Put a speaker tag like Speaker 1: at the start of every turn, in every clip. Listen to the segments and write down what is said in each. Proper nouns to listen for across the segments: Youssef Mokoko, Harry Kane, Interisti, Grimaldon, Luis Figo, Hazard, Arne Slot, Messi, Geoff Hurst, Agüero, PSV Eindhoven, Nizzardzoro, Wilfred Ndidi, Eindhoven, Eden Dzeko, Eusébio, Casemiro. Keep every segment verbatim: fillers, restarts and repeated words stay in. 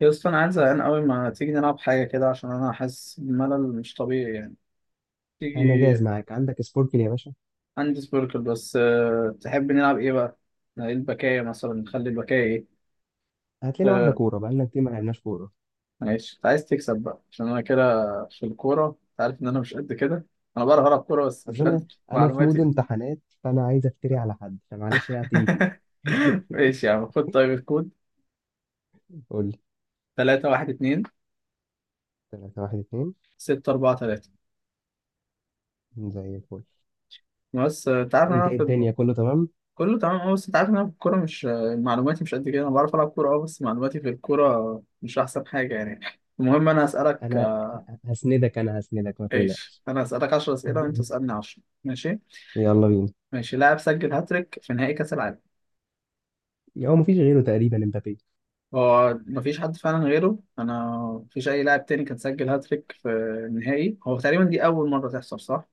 Speaker 1: يا اسطى، انا عايز زهقان قوي. ما تيجي نلعب حاجه كده عشان انا حاسس بملل مش طبيعي يعني.
Speaker 2: انا
Speaker 1: تيجي.
Speaker 2: جاهز معاك. عندك سبوركل يا باشا؟
Speaker 1: عندي سبيركل، بس أه... تحب نلعب ايه بقى؟ نقل البكايه مثلا، نخلي البكايه ايه.
Speaker 2: هات لنا واحده
Speaker 1: أه...
Speaker 2: كوره، بقالنا كتير ما لعبناش كوره.
Speaker 1: ماشي، انت عايز تكسب بقى عشان انا كده. في الكوره انت عارف ان انا مش قد كده. انا بعرف العب كوره بس
Speaker 2: بس
Speaker 1: مش قد
Speaker 2: انا انا في مود
Speaker 1: معلوماتي.
Speaker 2: امتحانات، فانا عايز افتري على حد، فمعلش بقى، تيجي تيجي.
Speaker 1: ماشي يا عم، خد طيب الكود.
Speaker 2: قول لي.
Speaker 1: ثلاثة واحد اتنين
Speaker 2: تلاتة واحد اتنين.
Speaker 1: ستة اربعة ثلاثة.
Speaker 2: زي الفل.
Speaker 1: بس آه، انت عارف إن
Speaker 2: انت
Speaker 1: انا
Speaker 2: ايه؟
Speaker 1: في...
Speaker 2: الدنيا كله تمام؟
Speaker 1: كله تمام، اه، بس انت عارف ان انا في الكوره مش... معلوماتي مش قد كده. انا بعرف العب كوره، اه، بس معلوماتي في الكوره مش احسن حاجه يعني. المهم انا اسالك.
Speaker 2: انا ه- هسندك، انا هسندك، ما
Speaker 1: ايش،
Speaker 2: تقلقش.
Speaker 1: انا اسالك عشرة اسئله وانت تسالني عشرة، ماشي؟
Speaker 2: يلا بينا.
Speaker 1: ماشي. لاعب سجل هاتريك في نهائي كاس العالم.
Speaker 2: هو مفيش غيره تقريبا، امبابي.
Speaker 1: هو مفيش حد فعلا غيره. انا مفيش اي لاعب تاني كان سجل هاتريك في النهائي، هو تقريبا دي اول مره تحصل، صح؟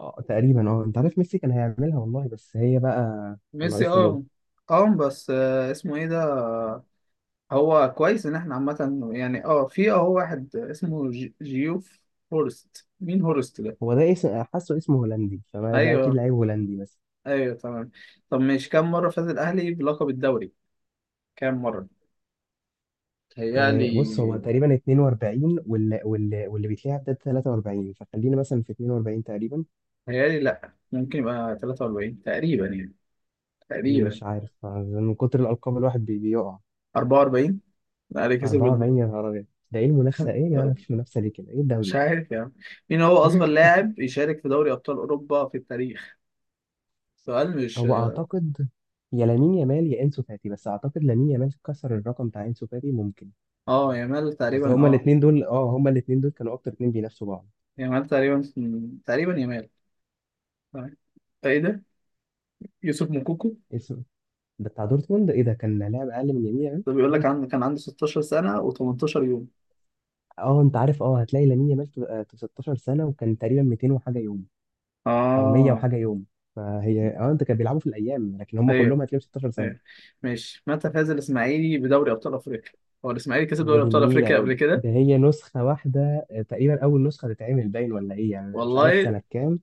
Speaker 2: اه تقريبا، اه، انت عارف ميسي كان هيعملها والله، بس هي بقى. كان
Speaker 1: ميسي،
Speaker 2: ناقص له جول.
Speaker 1: اه. اه، بس آه، اسمه ايه ده؟ هو كويس ان احنا عامة يعني. اه في اه واحد اسمه ج- جيوف هورست. مين هورست ده؟
Speaker 2: هو ده اسم، حاسه اسمه هولندي، فده اكيد
Speaker 1: ايوه،
Speaker 2: لعيب هولندي بس.
Speaker 1: ايوه، تمام. طب ماشي، كم مرة فاز الاهلي بلقب الدوري؟ كام مرة؟
Speaker 2: آه،
Speaker 1: تهيألي
Speaker 2: بص، هو تقريبا اتنين واربعين، واللي واللي واللي بيتلعب ده ثلاثة وأربعين، فخلينا مثلا في اتنين واربعين تقريبا.
Speaker 1: تهيألي لا، ممكن يبقى تلاتة واربعين تقريبا يعني، تقريبا.
Speaker 2: مش عارف. آه، من كتر الألقاب، الواحد بي- بيقع.
Speaker 1: اربعة واربعين. الاهلي كسب ال-
Speaker 2: اربعة واربعين، يا نهار أبيض. ده إيه المنافسة؟ إيه يا جماعة؟ مفيش منافسة ليه كده؟ إيه الدوري
Speaker 1: مش
Speaker 2: ده؟
Speaker 1: عارف يعني. مين هو اصغر لاعب يشارك في دوري ابطال اوروبا في التاريخ؟ سؤال مش...
Speaker 2: هو أعتقد، يا لامين يامال يا انسو فاتي، بس اعتقد لامين يامال كسر الرقم بتاع انسو فاتي، ممكن.
Speaker 1: اه، يامال
Speaker 2: اصل
Speaker 1: تقريبا،
Speaker 2: هما
Speaker 1: اه.
Speaker 2: الاثنين دول، اه هما الاثنين دول كانوا اكتر اثنين بينافسوا بعض.
Speaker 1: يامال تقريبا، تقريبا يامال. تمام. ايه ده؟ يوسف موكوكو.
Speaker 2: اسم. ده بتاع دورتموند، ايه ده؟ كان لاعب اقل من يمين.
Speaker 1: ده بيقول
Speaker 2: يامال.
Speaker 1: لك عند كان عندي ستاشر سنة و18 يوم.
Speaker 2: اه انت عارف، اه هتلاقي لامين يامال في، آه، في 16 سنه، وكان تقريبا ميتين وحاجه يوم، او ميه
Speaker 1: اه.
Speaker 2: وحاجه يوم. فهي اه، انت، كان بيلعبوا في الايام، لكن هم
Speaker 1: ايوه،
Speaker 2: كلهم هتلاقيهم 16 سنه.
Speaker 1: ايوه. ماشي، متى فاز الاسماعيلي بدوري ابطال افريقيا؟ هو الاسماعيلي كسب
Speaker 2: هي
Speaker 1: دوري
Speaker 2: دي
Speaker 1: ابطال افريقيا
Speaker 2: النيله.
Speaker 1: قبل كده؟
Speaker 2: ده هي نسخه واحده، آه، تقريبا اول نسخه تتعمل، باين ولا ايه يعني، انا مش عارف
Speaker 1: والله.
Speaker 2: سنه كام.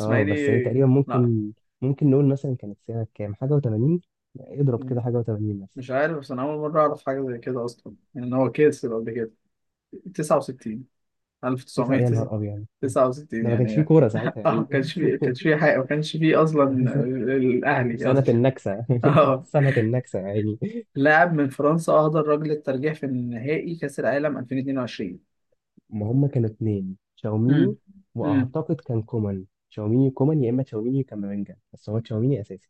Speaker 2: اه بس هي تقريبا
Speaker 1: لا،
Speaker 2: ممكن. ممكن نقول مثلا كانت سنه كام، حاجه و80. اضرب كده
Speaker 1: م-
Speaker 2: حاجه و80. مثلا.
Speaker 1: مش عارف. بس انا اول مرة اعرف حاجة زي كده اصلا، يعني ان هو كسب قبل كده. تسعة وستين.
Speaker 2: تسعة، يا نهار ابيض. ده
Speaker 1: الف وتسعمية وتسعة وستين.
Speaker 2: ما كانش
Speaker 1: يعني
Speaker 2: فيه
Speaker 1: اه،
Speaker 2: كوره ساعتها، يا
Speaker 1: ما
Speaker 2: عيني.
Speaker 1: كانش فيه، كانش فيه حاجة، ما كانش فيه اصلا. ال- الاهلي
Speaker 2: سنه
Speaker 1: اصلا.
Speaker 2: النكسه.
Speaker 1: اه،
Speaker 2: سنه النكسه، يا عيني.
Speaker 1: لاعب من فرنسا اهدر رجل الترجيح في نهائي كأس العالم الفين واتنين وعشرين.
Speaker 2: ما هم كانوا اتنين،
Speaker 1: امم
Speaker 2: تشاوميني.
Speaker 1: امم
Speaker 2: واعتقد كان كومان، تشاوميني كومان، يا اما تشاوميني وكامافينجا، بس هو تشاوميني اساسي.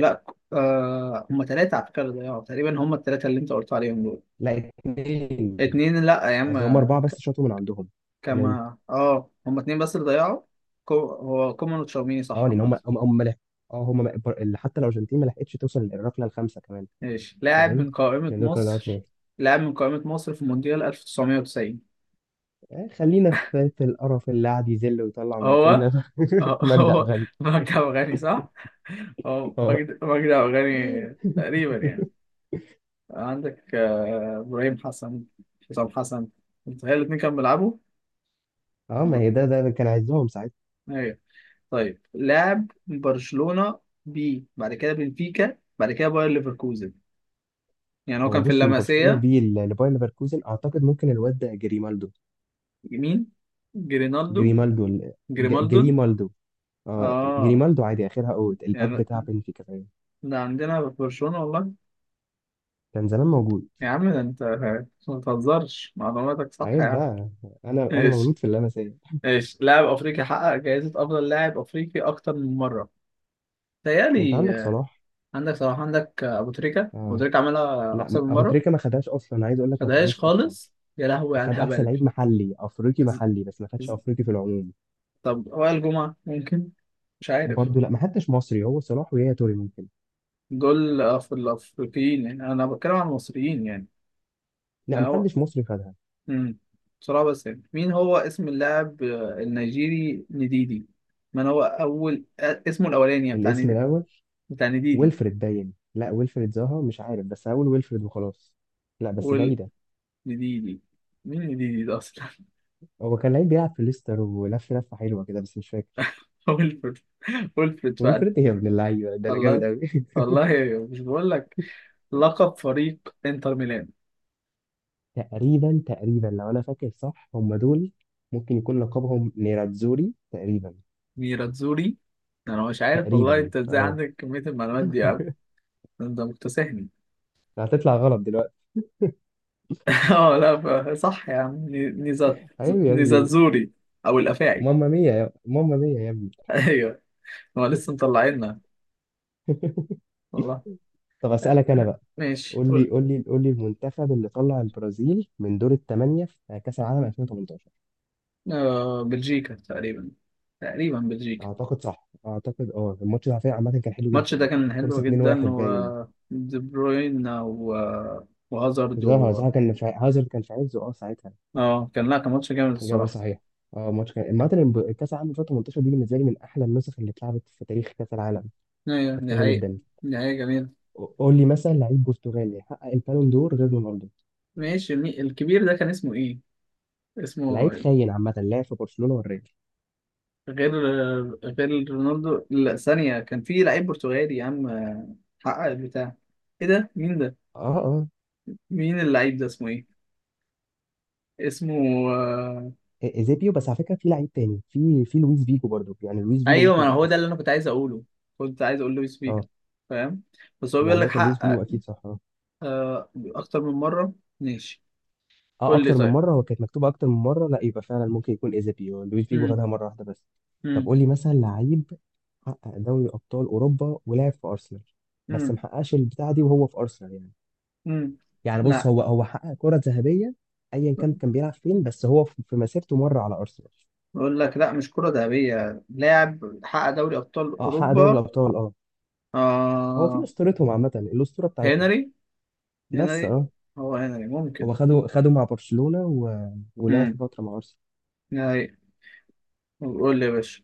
Speaker 1: لا، آه هم ثلاثة على فكرة، اللي ضيعوا تقريبا هم الثلاثة اللي انت قلت عليهم دول.
Speaker 2: لا، اتنين.
Speaker 1: اتنين، لا يا عم.
Speaker 2: قصدي هم اربعه
Speaker 1: ك-
Speaker 2: بس شاطوا من عندهم. يعني.
Speaker 1: كما، اه هم اتنين بس اللي ضيعوا. كو... هو كومان وتشاوميني،
Speaker 2: اه،
Speaker 1: صح
Speaker 2: لان
Speaker 1: عامة.
Speaker 2: هم هم هم ملح. اه، هم م- بر- اللي حتى الارجنتين ما لحقتش توصل للركله الخامسه كمان.
Speaker 1: ماشي، لاعب
Speaker 2: فاهم.
Speaker 1: من قائمة
Speaker 2: يعني دول كانوا
Speaker 1: مصر
Speaker 2: اتنين.
Speaker 1: لاعب من قائمة مصر في مونديال الف وتسعمية وتسعين.
Speaker 2: آه، خلينا في في القرف اللي قاعد يذل ويطلع
Speaker 1: هو، هو،
Speaker 2: ميتنا ده.
Speaker 1: آه،
Speaker 2: مجدي عبد
Speaker 1: هو
Speaker 2: الغني.
Speaker 1: مجدي عبد الغني، صح؟ هو
Speaker 2: اه
Speaker 1: مجدي، مجدي عبد الغني، تقريبا يعني. عندك آه، إبراهيم حسن، حسام حسن، متخيل الاتنين كانوا بيلعبوا؟
Speaker 2: اه ما هي ده ده كان عايزهم ساعتها.
Speaker 1: ايوه. طيب لعب برشلونة، ب بعد كده بنفيكا، بعد كده باير ليفركوزن. يعني هو
Speaker 2: هو
Speaker 1: كان في
Speaker 2: بص، من برشلونه
Speaker 1: اللمسية.
Speaker 2: بيه ل- لباير ليفركوزن، اعتقد ممكن الواد ده جريمالدو.
Speaker 1: مين؟ جرينالدو.
Speaker 2: جريمالدو ال- ج-
Speaker 1: جريمالدون،
Speaker 2: جريمالدو. اه،
Speaker 1: اه.
Speaker 2: جريمالدو عادي اخرها اوت الباك
Speaker 1: يعني
Speaker 2: بتاع بنفيكا كمان.
Speaker 1: ده عندنا في برشلونة والله.
Speaker 2: كان زمان موجود.
Speaker 1: يا عم، ده انت ما بتهزرش، معلوماتك صح يا
Speaker 2: عيب
Speaker 1: عم.
Speaker 2: بقى. انا انا
Speaker 1: ايش
Speaker 2: مولود في اللمسيه.
Speaker 1: ايش لاعب افريقي حقق جائزة افضل لاعب افريقي اكتر من مرة.
Speaker 2: ما انت
Speaker 1: تهيألي
Speaker 2: عندك
Speaker 1: آه،
Speaker 2: صلاح.
Speaker 1: عندك صلاح، عندك آه، ابو تريكة ابو
Speaker 2: اه،
Speaker 1: تريكة عملها
Speaker 2: لا
Speaker 1: اكتر من
Speaker 2: ابو
Speaker 1: مرة.
Speaker 2: تريكه ما خدهاش اصلا، عايز اقول لك ما
Speaker 1: خدهاش
Speaker 2: خدهاش اصلا.
Speaker 1: خالص، يا لهوي على
Speaker 2: خد احسن
Speaker 1: الهبل.
Speaker 2: لعيب محلي افريقي
Speaker 1: إز-
Speaker 2: محلي بس، ما خدش
Speaker 1: إز-
Speaker 2: افريقي في العموم.
Speaker 1: طب، وائل جمعة ممكن. مش عارف.
Speaker 2: برضه لا، ما حدش مصري، هو صلاح ويا توري ممكن.
Speaker 1: دول أف- الأفريقيين يعني، أنا بتكلم عن المصريين يعني.
Speaker 2: لا،
Speaker 1: لا،
Speaker 2: ما
Speaker 1: هو.
Speaker 2: حدش مصري خدها.
Speaker 1: مم. بسرعة بس يعني، مين هو اسم اللاعب آه، النيجيري نديدي؟ من هو أول آه، اسمه الأولاني يعني، بتاع
Speaker 2: الاسم
Speaker 1: نديدي،
Speaker 2: الاول.
Speaker 1: بتاع نديدي؟
Speaker 2: ويلفريد باين. لا، ويلفريد زاها، مش عارف، بس هقول ويلفريد وخلاص. لا بس
Speaker 1: ويل
Speaker 2: بعيده.
Speaker 1: نديدي. مين نديدي ده أصلا؟
Speaker 2: هو كان لعيب بيلعب في ليستر، ولف لفه حلوه كده بس مش فاكر.
Speaker 1: ويلفرد، ويلفرد فعلا.
Speaker 2: ويلفريد ايه يا ابن اللعيبه، ده انا جامد
Speaker 1: والله،
Speaker 2: قوي!
Speaker 1: والله، مش بقول لك. لقب فريق انتر ميلان.
Speaker 2: تقريبا تقريبا، لو انا فاكر صح هم دول. ممكن يكون لقبهم نيراتزوري تقريبا.
Speaker 1: ميراتزوري. انا مش عارف والله،
Speaker 2: تقريبا
Speaker 1: انت ازاي
Speaker 2: اه.
Speaker 1: عندك كمية المعلومات دي يا عم. انت مكتسحني.
Speaker 2: هتطلع غلط دلوقتي.
Speaker 1: اه، لا، ب- صح يا عم، نيزات،
Speaker 2: ايوه يا ابني.
Speaker 1: نيزاتزوري، او الافاعي.
Speaker 2: ماما مية، يا ماما مية يا ابني.
Speaker 1: ايوه، هو لسه مطلعيننا، والله.
Speaker 2: طب اسالك انا بقى.
Speaker 1: ماشي،
Speaker 2: قول لي
Speaker 1: قول.
Speaker 2: قول لي قول لي المنتخب اللي طلع البرازيل من دور الثمانيه في كاس العالم ألفين وثمانية عشر.
Speaker 1: آه، بلجيكا تقريبا، تقريبا بلجيكا.
Speaker 2: اعتقد صح، اعتقد. اه، الماتش ده على فكرة عامه كان حلو
Speaker 1: الماتش ده
Speaker 2: جدا.
Speaker 1: كان
Speaker 2: خلص
Speaker 1: حلو جدا،
Speaker 2: اثنين واحد.
Speaker 1: و...
Speaker 2: باين.
Speaker 1: دي بروين، و... وهازارد،
Speaker 2: زها
Speaker 1: و...
Speaker 2: زها كان في ع- هازارد كان في عزه اه ساعتها.
Speaker 1: اه كان لا كان ماتش جامد
Speaker 2: إجابة
Speaker 1: الصراحة.
Speaker 2: صحيحة. اه ماتش كان عامة. الب- كأس العالم الفين وتمنتاشر دي بالنسبة لي من أحلى النسخ اللي اتلعبت في تاريخ كأس العالم.
Speaker 1: ايوه
Speaker 2: كانت
Speaker 1: دي
Speaker 2: حلوة
Speaker 1: حقيقة.
Speaker 2: جدا.
Speaker 1: دي حقيقة جميلة.
Speaker 2: قول لي مثلا، لعيب برتغالي حقق البالون دور غير رونالدو.
Speaker 1: ماشي، المي- الكبير ده كان اسمه ايه؟ اسمه...
Speaker 2: لعيب خاين عامة، لعب في برشلونة والريال.
Speaker 1: غير غير رونالدو، لا، ثانية، كان في لعيب برتغالي يا عم، حقق البتاع. ايه ده، مين ده؟
Speaker 2: اه اه،
Speaker 1: مين اللعيب ده، اسمه ايه؟ اسمه... آه،
Speaker 2: إ- إيزيبيو، بس على فكرة في لعيب تاني، في في لويس فيجو برضو يعني، لويس فيجو
Speaker 1: ايوه، ما
Speaker 2: ممكن
Speaker 1: أنا هو ده
Speaker 2: تتحسب.
Speaker 1: اللي انا كنت عايز اقوله، كنت عايز اقول لويس فيجو.
Speaker 2: اه.
Speaker 1: فاهم؟ بس هو بيقول
Speaker 2: يعني
Speaker 1: لك
Speaker 2: مثلا لويس فيجو
Speaker 1: حقق
Speaker 2: أكيد صح آه.
Speaker 1: آه، اكتر من مرة. ماشي،
Speaker 2: اه،
Speaker 1: قول لي
Speaker 2: اكتر من
Speaker 1: طيب.
Speaker 2: مره، هو كانت مكتوبه اكتر من مره، لا يبقى فعلا ممكن يكون ايزابيو، لويس فيجو
Speaker 1: مم.
Speaker 2: خدها مره واحده بس. طب
Speaker 1: مم.
Speaker 2: قول لي مثلا لعيب حقق دوري ابطال اوروبا ولعب في ارسنال. بس
Speaker 1: مم.
Speaker 2: محققش البتاعه دي وهو في ارسنال يعني.
Speaker 1: مم.
Speaker 2: يعني بص،
Speaker 1: لا،
Speaker 2: هو هو حقق كره ذهبيه، ايا كان كان بيلعب فين، بس هو في في مسيرته مره على ارسنال.
Speaker 1: بقول لك لا، مش كرة ذهبية، لاعب حقق دوري ابطال
Speaker 2: اه حقق دوري
Speaker 1: اوروبا.
Speaker 2: الابطال اه. هو في
Speaker 1: آه،
Speaker 2: اسطورتهم عامه، الاسطوره بتاعتهم.
Speaker 1: هنري،
Speaker 2: بس
Speaker 1: هنري.
Speaker 2: اه.
Speaker 1: هو هنري ممكن.
Speaker 2: هو خده خده مع برشلونه و... ولعب في
Speaker 1: امم
Speaker 2: فتره مع ارسنال.
Speaker 1: نهائي. قول لي يا باشا.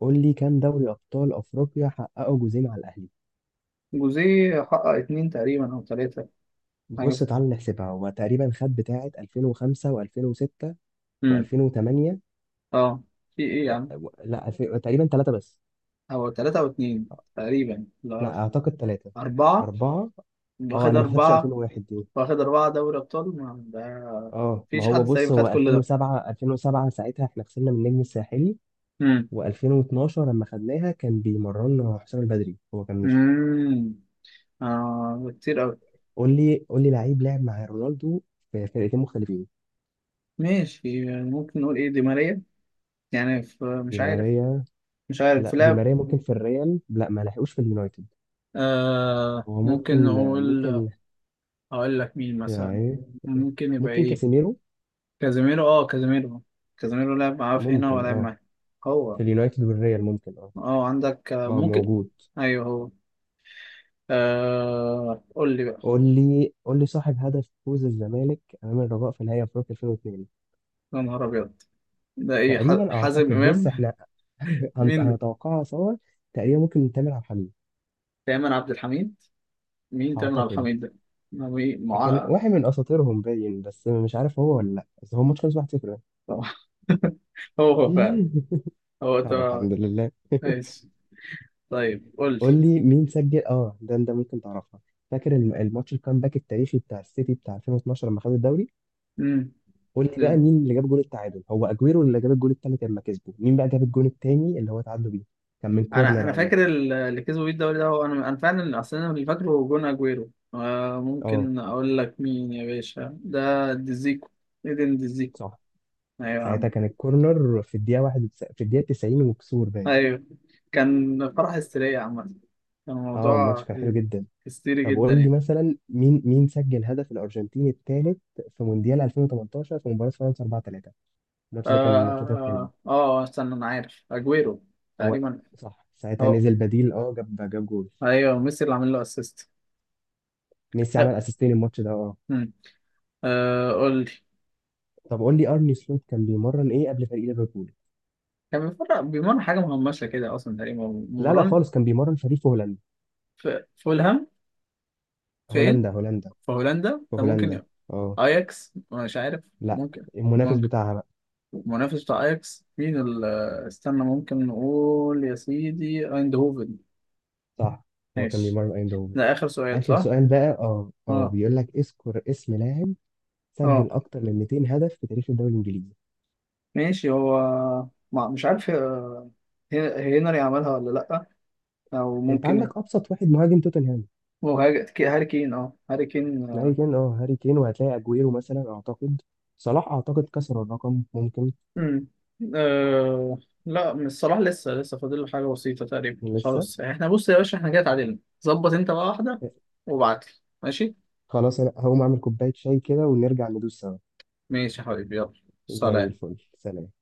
Speaker 2: قول لي، كام دوري ابطال افريقيا حققه جوزين على الاهلي؟
Speaker 1: جوزيه حقق اتنين تقريبا او تلاتة. حاجة
Speaker 2: بص
Speaker 1: في-
Speaker 2: تعال نحسبها، هو تقريبا خد بتاعة ألفين وخمسة و2006
Speaker 1: امم
Speaker 2: و2008
Speaker 1: اه. في ايه يا
Speaker 2: و...
Speaker 1: عم؟
Speaker 2: و... لا الف... تقريبا ثلاثة بس.
Speaker 1: هو تلاتة او اتنين تقريبا اللي
Speaker 2: لا
Speaker 1: اعرف.
Speaker 2: أعتقد ثلاثة.
Speaker 1: اربعة.
Speaker 2: أربعة. أه
Speaker 1: واخد
Speaker 2: أنا ما حسبتش
Speaker 1: اربعة،
Speaker 2: الفين وواحد دي.
Speaker 1: واخد اربعة دوري ابطال، ما ده
Speaker 2: أه ما
Speaker 1: مفيش
Speaker 2: هو
Speaker 1: حد
Speaker 2: بص،
Speaker 1: تقريبا
Speaker 2: هو
Speaker 1: خد كل ده.
Speaker 2: الفين وسبعه الفين وسبعه ساعتها إحنا خسرنا من النجم الساحلي،
Speaker 1: امم.
Speaker 2: و2012 لما خدناها كان بيمرنا حسام البدري، هو كان مشي.
Speaker 1: امم اه، كتير اوي.
Speaker 2: قول لي قول لي لعيب لعب مع رونالدو في فرقتين مختلفين.
Speaker 1: ماشي، يعني ممكن نقول ايه، دي ماريا يعني في...
Speaker 2: دي
Speaker 1: مش عارف.
Speaker 2: ماريا.
Speaker 1: مش عارف، في
Speaker 2: لا، دي
Speaker 1: لعب.
Speaker 2: ماريا ممكن في الريال، لا ما لحقوش في اليونايتد.
Speaker 1: آه
Speaker 2: هو
Speaker 1: ممكن
Speaker 2: ممكن.
Speaker 1: نقول...
Speaker 2: ممكن.
Speaker 1: هقول لك مين مثلا
Speaker 2: يعني.
Speaker 1: ممكن يبقى.
Speaker 2: ممكن
Speaker 1: ايه؟
Speaker 2: كاسيميرو.
Speaker 1: كازيميرو. اه، كازيميرو. كازيميرو لعب معاه في هنا،
Speaker 2: ممكن
Speaker 1: ولعب
Speaker 2: اه،
Speaker 1: معاه هو.
Speaker 2: في اليونايتد والريال ممكن اه.
Speaker 1: اه، عندك آه،
Speaker 2: اه
Speaker 1: ممكن.
Speaker 2: موجود.
Speaker 1: ايوه، هو. آه... قول لي بقى.
Speaker 2: قول لي قول لي صاحب هدف فوز الزمالك امام الرجاء في نهائي افريقيا الفين واتنين.
Speaker 1: يا نهار ابيض، ده ايه، ح-
Speaker 2: تقريبا
Speaker 1: حازم
Speaker 2: اعتقد بص
Speaker 1: امام؟
Speaker 2: احنا هنت-
Speaker 1: مين ده؟
Speaker 2: هنتوقعها سوا. تقريبا ممكن تامر عبد الحليم.
Speaker 1: تامر عبد الحميد. مين تامر عبد
Speaker 2: اعتقد
Speaker 1: الحميد ده؟ ما مين
Speaker 2: كان
Speaker 1: مع...
Speaker 2: واحد من اساطيرهم باين، بس مش عارف هو ولا لا، بس هو الماتش خلص واحد صفر.
Speaker 1: طبعا. هو هو فعلا هو،
Speaker 2: طب
Speaker 1: طبعا.
Speaker 2: الحمد لله.
Speaker 1: ماشي، طيب قول لي.
Speaker 2: قول لي مين سجل، اه ده انت ممكن تعرفها. فاكر الم- الماتش الكامباك التاريخي بتاع السيتي بتاع ألفين واثني عشر لما خد الدوري، قول لي بقى
Speaker 1: مم.
Speaker 2: مين اللي جاب جول التعادل؟ هو اجويرو اللي جاب الجول التالت لما كسبوا، مين بقى جاب الجول التاني اللي هو تعادلوا بيه؟ كان من
Speaker 1: انا
Speaker 2: كورنر
Speaker 1: انا
Speaker 2: عامة.
Speaker 1: فاكر ال- اللي كسبوا بيه الدوري ده، هو انا انا فعلا اصلا انا اللي فاكره. جون اجويرو، آه،
Speaker 2: اه
Speaker 1: ممكن اقول لك مين يا باشا؟ ده ديزيكو، ايدن ديزيكو.
Speaker 2: صح،
Speaker 1: ايوه يا
Speaker 2: ساعتها
Speaker 1: عم.
Speaker 2: كان الكورنر في الدقيقة واحد وتس... في الدقيقة تسعين وكسور باين.
Speaker 1: ايوه، كان فرح هستيرية عامة، كان
Speaker 2: اه الماتش
Speaker 1: الموضوع
Speaker 2: كان حلو جدا.
Speaker 1: هستيري
Speaker 2: طب
Speaker 1: جدا
Speaker 2: قول لي
Speaker 1: يعني.
Speaker 2: مثلا، مين مين سجل هدف الارجنتين التالت في مونديال الفين وتمنتاشر في مباراة فرنسا اربعه تلاته.
Speaker 1: اه،
Speaker 2: الماتش ده كان من الماتشات الحلوة.
Speaker 1: اه، آه، آه، استنى، انا عارف، اجويرو
Speaker 2: هو
Speaker 1: تقريبا.
Speaker 2: صح، ساعتها
Speaker 1: اه.
Speaker 2: نزل بديل اه جاب جاب جول.
Speaker 1: ايوه، ميسي اللي عامل له اسيست.
Speaker 2: ميسي
Speaker 1: آه.
Speaker 2: عمل اسيستين الماتش ده اه.
Speaker 1: مم. آه، قول لي.
Speaker 2: طب قول لي، ارني سلوت كان بيمرن ايه قبل فريق ليفربول؟
Speaker 1: كان بيمرن، بيمرن حاجه مهمشه كده اصلا تقريبا،
Speaker 2: لا لا
Speaker 1: ممرن
Speaker 2: خالص، كان بيمرن فريق في هولندا.
Speaker 1: في فولهام؟ فين؟
Speaker 2: هولندا، هولندا.
Speaker 1: في هولندا،
Speaker 2: في
Speaker 1: فممكن
Speaker 2: هولندا.
Speaker 1: ي-
Speaker 2: اه.
Speaker 1: اياكس، مش عارف.
Speaker 2: لا.
Speaker 1: ممكن.
Speaker 2: المنافس
Speaker 1: ممكن
Speaker 2: بتاعها بقى.
Speaker 1: المنافس بتاع اياكس مين ال- آه، استنى، ممكن نقول يا سيدي ايندهوفن.
Speaker 2: صح. هو كان
Speaker 1: ماشي.
Speaker 2: بيمرن ايندهوفن.
Speaker 1: ده اخر سؤال،
Speaker 2: اخر
Speaker 1: صح؟
Speaker 2: سؤال بقى، اه اه
Speaker 1: اه،
Speaker 2: بيقول لك اذكر اسم لاعب
Speaker 1: اه.
Speaker 2: سجل اكتر من ميتين هدف في تاريخ الدوري الانجليزي.
Speaker 1: ماشي، هو ما مش عارف. هي- هنري عملها ولا لا؟ او
Speaker 2: انت
Speaker 1: ممكن
Speaker 2: عندك ابسط واحد، مهاجم توتنهام.
Speaker 1: هو هاج- كي- هاري كين. اه، هاري كين،
Speaker 2: هاري
Speaker 1: آه.
Speaker 2: كين، اه هاري كين، وهتلاقي اجويرو مثلا اعتقد. صلاح اعتقد كسر الرقم ممكن.
Speaker 1: مم. آه، لا، من الصلاح لسه لسه فاضل له حاجه بسيطه تقريبا.
Speaker 2: لسه.
Speaker 1: خلاص احنا، بص يا باشا، احنا كده اتعادلنا. ظبط انت بقى واحده وابعت لي. ماشي.
Speaker 2: خلاص انا هقوم اعمل كوبايه شاي كده ونرجع ندوس سوا.
Speaker 1: ماشي يا حبيبي، يلا،
Speaker 2: زي
Speaker 1: سلام.
Speaker 2: الفل، سلام.